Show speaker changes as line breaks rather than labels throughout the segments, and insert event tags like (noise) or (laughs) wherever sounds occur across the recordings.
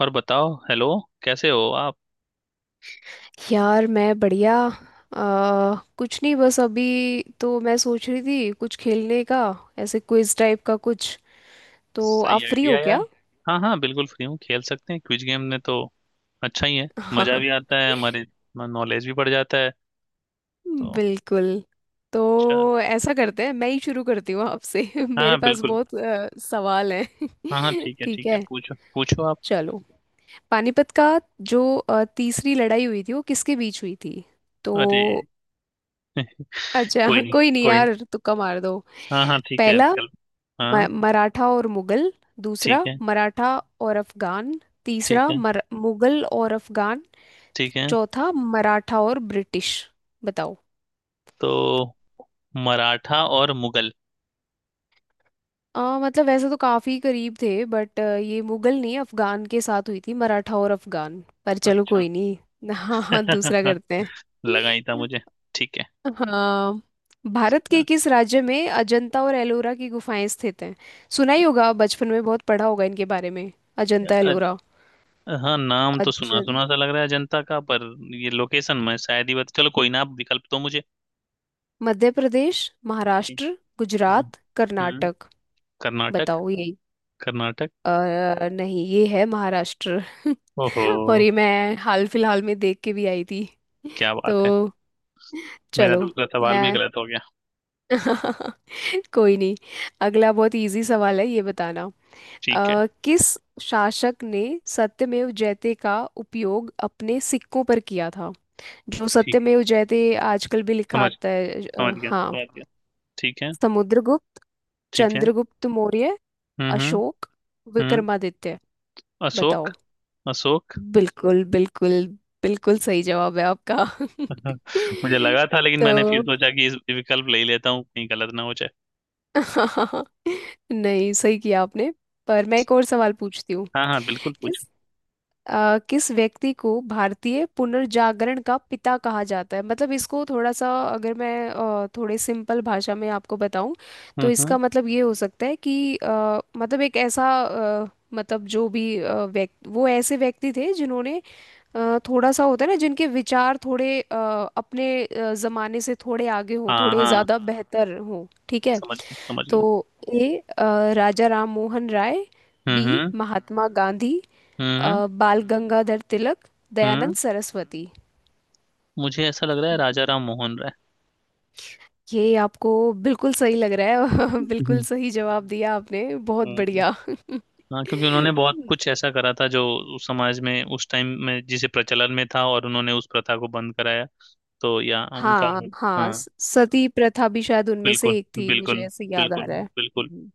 और बताओ। हेलो, कैसे हो आप।
यार मैं बढ़िया कुछ नहीं। बस अभी तो मैं सोच रही थी कुछ खेलने का, ऐसे क्विज टाइप का कुछ। तो
सही
आप फ्री हो
आइडिया
क्या?
यार। हाँ हाँ, बिल्कुल फ्री हूँ, खेल सकते हैं क्विज गेम में तो अच्छा ही है।
(laughs)
मज़ा भी
हाँ,
आता है, हमारे नॉलेज भी बढ़ जाता है तो।
बिल्कुल।
अच्छा।
तो ऐसा करते हैं, मैं ही शुरू करती हूँ आपसे। (laughs)
हाँ
मेरे
हाँ,
पास
बिल्कुल।
बहुत सवाल हैं।
हाँ हाँ,
(laughs)
ठीक है
ठीक
ठीक है,
है,
पूछो पूछो आप।
चलो। पानीपत का जो तीसरी लड़ाई हुई थी वो किसके बीच हुई थी? तो
अरे। (laughs)
अच्छा।
कोई
(laughs)
नहीं,
कोई नहीं
कोई नहीं।
यार, तुक्का मार दो।
हाँ हाँ, ठीक है,
पहला,
विकल्प। हाँ,
मराठा और मुगल।
ठीक
दूसरा,
है
मराठा और अफगान।
ठीक
तीसरा,
है
मुगल और अफगान।
ठीक है।
चौथा, मराठा और ब्रिटिश। बताओ।
तो मराठा और मुगल।
मतलब वैसे तो काफी करीब थे, बट ये मुगल नहीं, अफगान के साथ हुई थी, मराठा और अफगान। पर चलो
अच्छा।
कोई नहीं। (laughs) हाँ हाँ, दूसरा
(laughs)
करते
लगा ही था
हैं।
मुझे। ठीक
हाँ, भारत के किस राज्य में अजंता और एलोरा की गुफाएं स्थित हैं? सुना ही होगा, बचपन में बहुत पढ़ा होगा इनके बारे में, अजंता एलोरा।
है। हाँ, नाम तो
अज,
सुना सुना सा लग रहा है जनता का, पर ये लोकेशन मैं शायद ही बता। चलो कोई ना, आप विकल्प दो मुझे।
मध्य प्रदेश,
जी।
महाराष्ट्र,
हम्म
गुजरात,
हम्म
कर्नाटक।
कर्नाटक,
बताओ ये।
कर्नाटक।
नहीं, ये है महाराष्ट्र।
ओहो।
(laughs) और ये मैं हाल फिलहाल में देख के भी आई थी।
क्या बात
तो
है। मेरा
चलो।
दूसरा सवाल भी
मैं
गलत हो गया।
(laughs) कोई नहीं। अगला बहुत इजी सवाल है, ये बताना
ठीक है,
किस शासक ने सत्यमेव जयते का उपयोग अपने सिक्कों पर किया था? जो
ठीक है।
सत्यमेव जयते आजकल भी लिखा
समझ
आता है।
समझ गया,
हाँ।
समझ गया। ठीक है,
समुद्रगुप्त,
ठीक है।
चंद्रगुप्त मौर्य,
हम्म हम्म
अशोक,
हम्म
विक्रमादित्य।
अशोक,
बताओ।
अशोक।
बिल्कुल बिल्कुल, बिल्कुल सही जवाब है आपका।
(laughs) मुझे
(laughs)
लगा था, लेकिन
तो
मैंने फिर सोचा कि इस विकल्प ले ही लेता हूँ, कहीं गलत ना हो जाए।
(laughs) नहीं, सही किया आपने। पर मैं एक और सवाल पूछती हूँ।
हाँ हाँ, बिल्कुल पूछो।
किस किस व्यक्ति को भारतीय पुनर्जागरण का पिता कहा जाता है? मतलब इसको थोड़ा सा अगर मैं थोड़े सिंपल भाषा में आपको बताऊं,
हम्म,
तो
हम्म,
इसका मतलब ये हो सकता है कि मतलब एक ऐसा मतलब जो भी व्यक्ति वो ऐसे व्यक्ति थे जिन्होंने थोड़ा सा होता है ना जिनके विचार थोड़े अपने जमाने से थोड़े आगे हों,
हाँ
थोड़े
हाँ,
ज़्यादा, हाँ हाँ बेहतर हों, ठीक है।
समझ गया, समझ
तो
गया।
ए, अ, राजा राम मोहन राय।
हम्म,
बी,
हम्म,
हाँ, महात्मा गांधी।
हम्म,
बाल गंगाधर तिलक।
हम्म,
दयानंद सरस्वती।
मुझे ऐसा लग रहा है राजा राम मोहन राय।
ये आपको बिल्कुल सही लग रहा है। (laughs) बिल्कुल
हम्म,
सही जवाब दिया आपने। बहुत
हम्म,
बढ़िया। (laughs)
हाँ, क्योंकि उन्होंने बहुत कुछ ऐसा करा था जो उस समाज में, उस टाइम में जिसे प्रचलन में था, और उन्होंने उस प्रथा को बंद कराया तो। या उनका।
हाँ हाँ,
हाँ,
सती प्रथा भी शायद उनमें
बिल्कुल,
से एक थी, मुझे
बिल्कुल,
ऐसे याद आ
बिल्कुल,
रहा है।
बिल्कुल।
हम्म।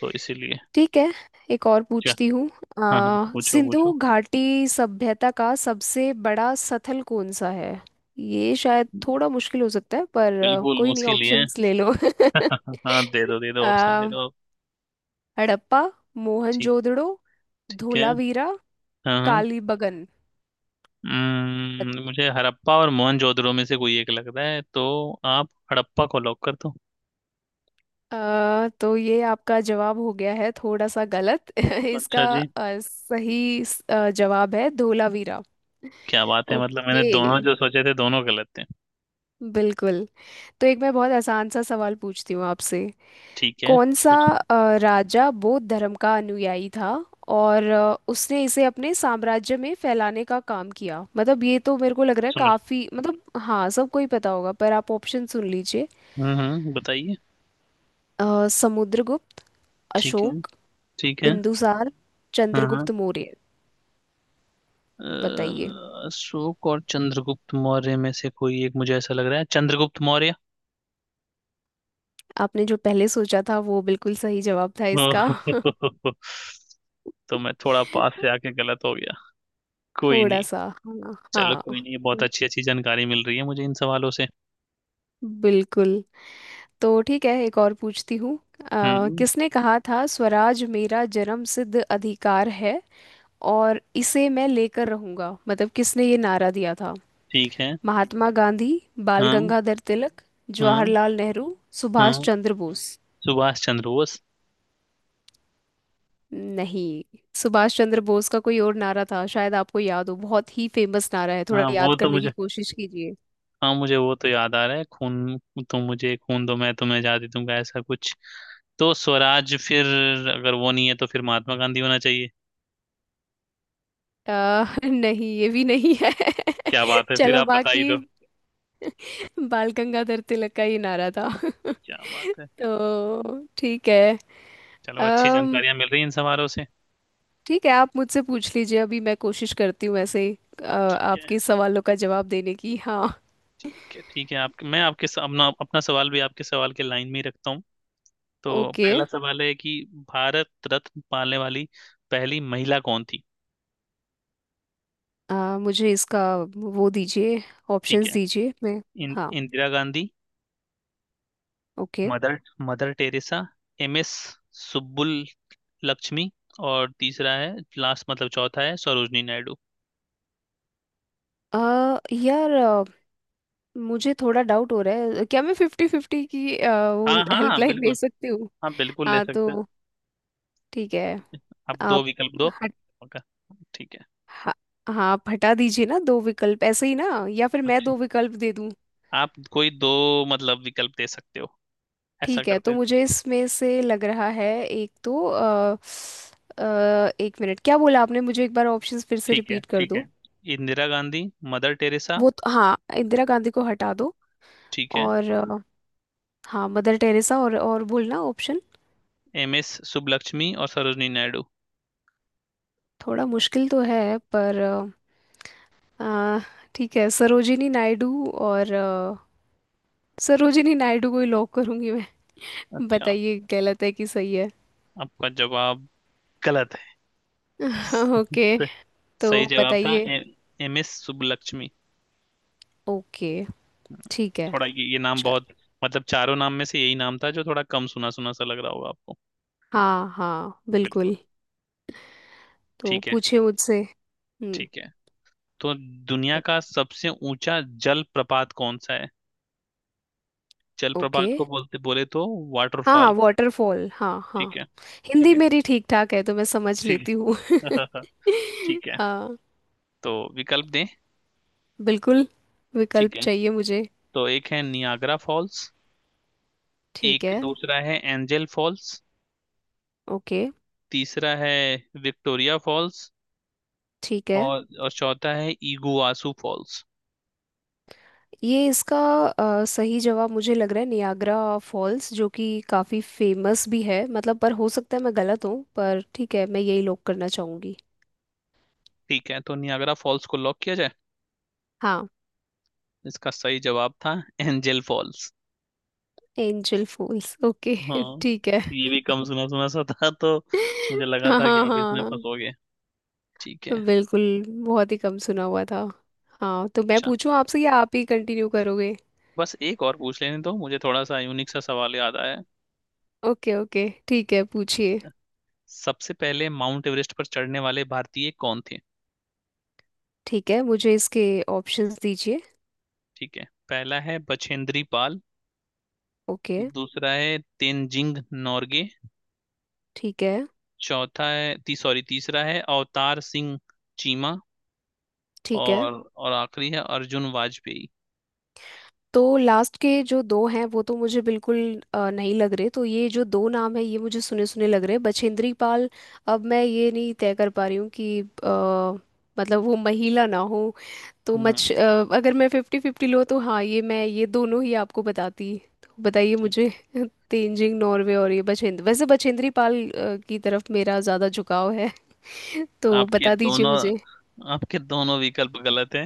तो इसीलिए।
ठीक है, एक और
क्या।
पूछती हूँ।
हाँ हाँ, पूछो
सिंधु
पूछो।
घाटी सभ्यता का सबसे बड़ा स्थल कौन सा है? ये शायद थोड़ा मुश्किल हो सकता है, पर
बिल्कुल
कोई नहीं,
उसके लिए।
ऑप्शंस ले लो।
(laughs) हाँ, दे दो दे
(laughs)
दो, ऑप्शन दे
आ,
दो।
हड़प्पा,
ठीक,
मोहनजोदड़ो,
ठीक है।
धोलावीरा,
हाँ हाँ।
कालीबंगन।
मुझे हड़प्पा और मोहनजोदड़ो में से कोई एक लग रहा है, तो आप हड़प्पा को लॉक कर दो।
तो ये आपका जवाब हो गया है थोड़ा सा गलत। (laughs) इसका
अच्छा जी।
सही जवाब है धोलावीरा।
क्या बात है, मतलब
ओके
मैंने दोनों जो सोचे थे, दोनों गलत थे।
बिल्कुल। तो एक मैं बहुत आसान सा सवाल पूछती हूँ आपसे।
ठीक है।
कौन सा
कुछ।
राजा बौद्ध धर्म का अनुयायी था और उसने इसे अपने साम्राज्य में फैलाने का काम किया? मतलब ये तो मेरे को लग रहा है,
समझ।
काफी मतलब, हाँ सबको ही पता होगा, पर आप ऑप्शन सुन लीजिए।
बताइए।
समुद्रगुप्त,
ठीक है,
अशोक,
ठीक है।
बिंदुसार,
हाँ हाँ।
चंद्रगुप्त मौर्य। बताइए।
अशोक और चंद्रगुप्त मौर्य में से कोई एक मुझे ऐसा लग रहा है, चंद्रगुप्त मौर्य।
आपने जो पहले सोचा था वो बिल्कुल सही जवाब था इसका।
(laughs) ओह, तो मैं थोड़ा पास से
(laughs)
आके गलत हो गया। कोई
थोड़ा
नहीं।
सा, हाँ
चलो
हाँ,
कोई नहीं, बहुत अच्छी अच्छी जानकारी मिल रही है मुझे इन सवालों से।
बिल्कुल। तो ठीक है, एक और पूछती हूँ।
हम्म,
किसने कहा था स्वराज मेरा जन्म सिद्ध अधिकार है और इसे मैं लेकर रहूंगा? मतलब किसने ये नारा दिया था?
ठीक है।
महात्मा गांधी, बाल
हाँ,
गंगाधर तिलक,
हाँ,
जवाहरलाल नेहरू, सुभाष
हाँ,
चंद्र बोस।
सुभाष चंद्र बोस।
नहीं, सुभाष चंद्र बोस का कोई और नारा था, शायद आपको याद हो, बहुत ही फेमस नारा है, थोड़ा
हाँ, वो
याद
तो
करने की
मुझे।
कोशिश कीजिए।
हाँ, मुझे वो तो याद आ रहा है, खून, तुम मुझे खून दो मैं तुम्हें आज़ादी दूंगा, ऐसा कुछ। तो स्वराज फिर, अगर वो नहीं है तो फिर महात्मा गांधी होना चाहिए।
अ, (laughs) नहीं, ये भी नहीं है।
क्या
(laughs)
बात है, फिर
चलो
आप बता ही
बाकी,
दो।
(laughs) बाल गंगाधर तिलक का ही नारा था। (laughs)
क्या बात है।
तो ठीक है।
चलो, अच्छी
अम
जानकारियां मिल रही हैं इन सवालों से।
ठीक है, आप मुझसे पूछ लीजिए, अभी मैं कोशिश करती हूँ ऐसे
ठीक है,
आपके सवालों का जवाब देने की, हाँ।
ठीक है, ठीक है, आपके मैं आपके अपना अपना सवाल भी आपके सवाल के लाइन में ही रखता हूँ। तो
ओके।
पहला सवाल है कि भारत रत्न पाने वाली पहली महिला कौन थी।
अ, मुझे इसका वो दीजिए,
ठीक
ऑप्शंस
है।
दीजिए, मैं। हाँ,
Indira Gandhi.
Okay.
Mother Mother Teresa. MS Lakshmi. और तीसरा है लास्ट, मतलब चौथा है सरोजनी नायडू।
अ, यार मुझे थोड़ा डाउट हो रहा है, क्या मैं फिफ्टी फिफ्टी की वो
हाँ हाँ,
हेल्पलाइन ले
बिल्कुल।
सकती हूँ?
हाँ, बिल्कुल ले
हाँ, तो
सकते हैं।
ठीक है
आप दो
आप।
विकल्प दो। ओके। ठीक है।
हाँ हाँ, हटा दीजिए ना दो विकल्प ऐसे ही ना, या फिर मैं
अच्छा,
दो विकल्प दे दूं।
आप कोई दो मतलब विकल्प दे सकते हो। ऐसा
ठीक है
करते
तो
हैं।
मुझे इसमें से लग रहा है एक तो अ, एक मिनट, क्या बोला आपने? मुझे एक बार ऑप्शंस फिर से
ठीक है,
रिपीट कर
ठीक है।
दो।
Indira Gandhi, Mother Teresa.
वो तो हाँ, इंदिरा गांधी को हटा दो।
ठीक है।
और हाँ, मदर टेरेसा, और बोलना ऑप्शन।
MS सुब्बलक्ष्मी और सरोजनी नायडू।
थोड़ा मुश्किल तो है पर अ, ठीक है, सरोजिनी नायडू, और सरोजिनी नायडू को ही लॉक करूंगी मैं। (laughs)
अच्छा,
बताइए, गलत है कि सही है?
आपका जवाब गलत है।
(laughs) ओके।
(laughs)
तो
सही जवाब था
बताइए।
MS सुब्बलक्ष्मी।
ओके ठीक है।
थोड़ा ये नाम
चल,
बहुत, मतलब चारों नाम में से यही नाम था जो थोड़ा कम सुना सुना सा लग रहा होगा आपको।
हाँ हाँ,
बिल्कुल।
बिल्कुल। तो
ठीक है,
पूछे मुझसे। हम्म।
ठीक है। तो दुनिया
ओ-
का सबसे ऊंचा जलप्रपात कौन सा है।
ओके।
जलप्रपात को बोलते, बोले तो
हाँ हाँ
वाटरफॉल।
वाटरफॉल, हाँ हाँ।
ठीक है, ठीक
हिंदी
है,
मेरी ठीक ठाक है तो मैं समझ
ठीक
लेती हूँ।
है, (laughs) ठीक है।
(laughs) हाँ,
तो विकल्प दें।
बिल्कुल।
ठीक
विकल्प
है।
चाहिए मुझे।
तो एक है नियाग्रा फॉल्स।
ठीक
एक
है।
दूसरा है एंजल फॉल्स।
ओके।
तीसरा है विक्टोरिया फॉल्स।
ठीक है।
और चौथा है इगुआसू फॉल्स।
ये इसका सही जवाब मुझे लग रहा है नियाग्रा फॉल्स, जो कि काफ़ी फेमस भी है, मतलब। पर हो सकता है मैं गलत हूँ, पर ठीक है, मैं यही लॉक करना चाहूँगी।
ठीक है, तो नियाग्रा फॉल्स को लॉक किया जाए।
हाँ।
इसका सही जवाब था Angel Falls.
Angel fools, okay.
हाँ,
(laughs) ठीक है।
ये भी कम सुना सुना सा था तो मुझे लगा
हाँ
था कि
हाँ
आप इसमें
हाँ,
फंसोगे। ठीक है।
बिल्कुल, बहुत ही कम सुना हुआ था। हाँ, तो मैं
अच्छा,
पूछूं आपसे, या आप ही कंटिन्यू करोगे?
बस एक और पूछ लेने दो मुझे, थोड़ा सा यूनिक सा सवाल याद आया है।
ओके ओके, ठीक है, पूछिए।
सबसे पहले माउंट एवरेस्ट पर चढ़ने वाले भारतीय कौन थे।
ठीक है, मुझे इसके ऑप्शंस दीजिए।
ठीक है, पहला है बछेंद्री पाल।
ओके।
दूसरा है तेनजिंग नोर्गे।
ठीक है।
चौथा है ती, सॉरी, तीसरा है अवतार सिंह चीमा।
ठीक है।
और आखिरी है अर्जुन वाजपेयी।
तो लास्ट के जो दो हैं वो तो मुझे बिल्कुल नहीं लग रहे, तो ये जो दो नाम है ये मुझे सुने सुने लग रहे हैं, बछेंद्री पाल। अब मैं ये नहीं तय कर पा रही हूँ कि मतलब वो महिला ना हो, तो मच
हम्म
अगर मैं फिफ्टी फिफ्टी लो तो हाँ, ये मैं ये दोनों ही आपको बताती। तो बताइए मुझे। (laughs) तेंजिंग नॉर्वे और ये बछेंद्र, वैसे बछेंद्री पाल की तरफ मेरा ज़्यादा झुकाव है। (laughs) तो
आपके
बता दीजिए
दोनों
मुझे।
आपके दोनों विकल्प गलत हैं।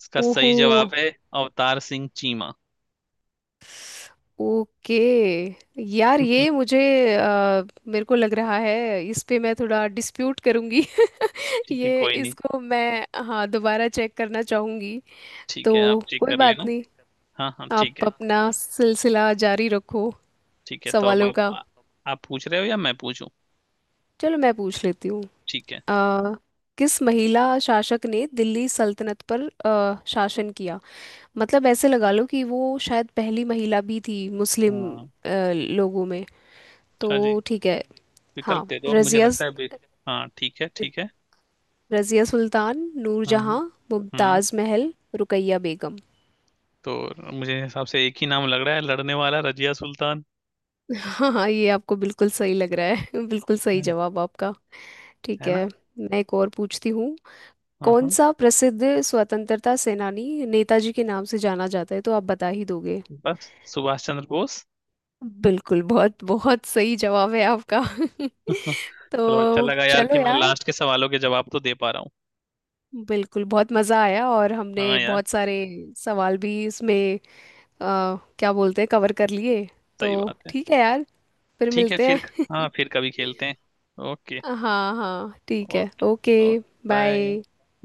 इसका
ओहो,
सही जवाब है अवतार सिंह चीमा।
ओके। यार ये
(laughs)
मुझे अ, मेरे को लग रहा है इस पे मैं थोड़ा डिस्प्यूट करूंगी। (laughs)
ठीक है,
ये
कोई नहीं।
इसको मैं हाँ दोबारा चेक करना चाहूंगी।
ठीक
तो
है, आप चेक
कोई
कर
बात
लेना।
नहीं,
हाँ हाँ, ठीक
आप
है।
अपना सिलसिला जारी रखो
ठीक है, तो अब
सवालों का।
आप पूछ रहे हो या मैं पूछूं।
चलो मैं पूछ लेती हूँ।
ठीक है।
अ, किस महिला शासक ने दिल्ली सल्तनत पर शासन किया? मतलब ऐसे लगा लो कि वो शायद पहली महिला भी थी मुस्लिम
हाँ,
लोगों में।
अच्छा जी।
तो ठीक है, हाँ।
विकल्प दे दो, अब मुझे
रजिया,
लगता है बे-। हाँ, ठीक है, ठीक है।
रजिया सुल्तान,
हाँ हाँ।
नूरजहां,
हाँ,
मुमताज महल, रुकैया बेगम।
तो मुझे हिसाब से एक ही नाम लग रहा है लड़ने वाला, रजिया सुल्तान।
हाँ हाँ, ये आपको बिल्कुल सही लग रहा है। (laughs) बिल्कुल सही
है।
जवाब आपका। ठीक
है
है,
ना।
मैं एक और पूछती हूँ।
हाँ
कौन
हाँ।
सा प्रसिद्ध स्वतंत्रता सेनानी नेताजी के नाम से जाना जाता है? तो आप बता ही दोगे।
बस सुभाष चंद्र बोस।
बिल्कुल, बहुत बहुत सही जवाब है आपका।
(laughs)
(laughs)
चलो, अच्छा
तो
लगा यार
चलो
कि मैं
यार,
लास्ट के सवालों के जवाब तो दे पा रहा हूँ।
बिल्कुल बहुत मज़ा आया, और
हाँ
हमने
यार।
बहुत सारे सवाल भी इसमें अ, क्या बोलते हैं, कवर कर लिए। तो
सही बात है।
ठीक है यार, फिर
ठीक है
मिलते
फिर।
हैं।
हाँ, फिर कभी खेलते हैं। ओके,
हाँ हाँ, ठीक है,
okay,
okay,
okay, bye.
Bye.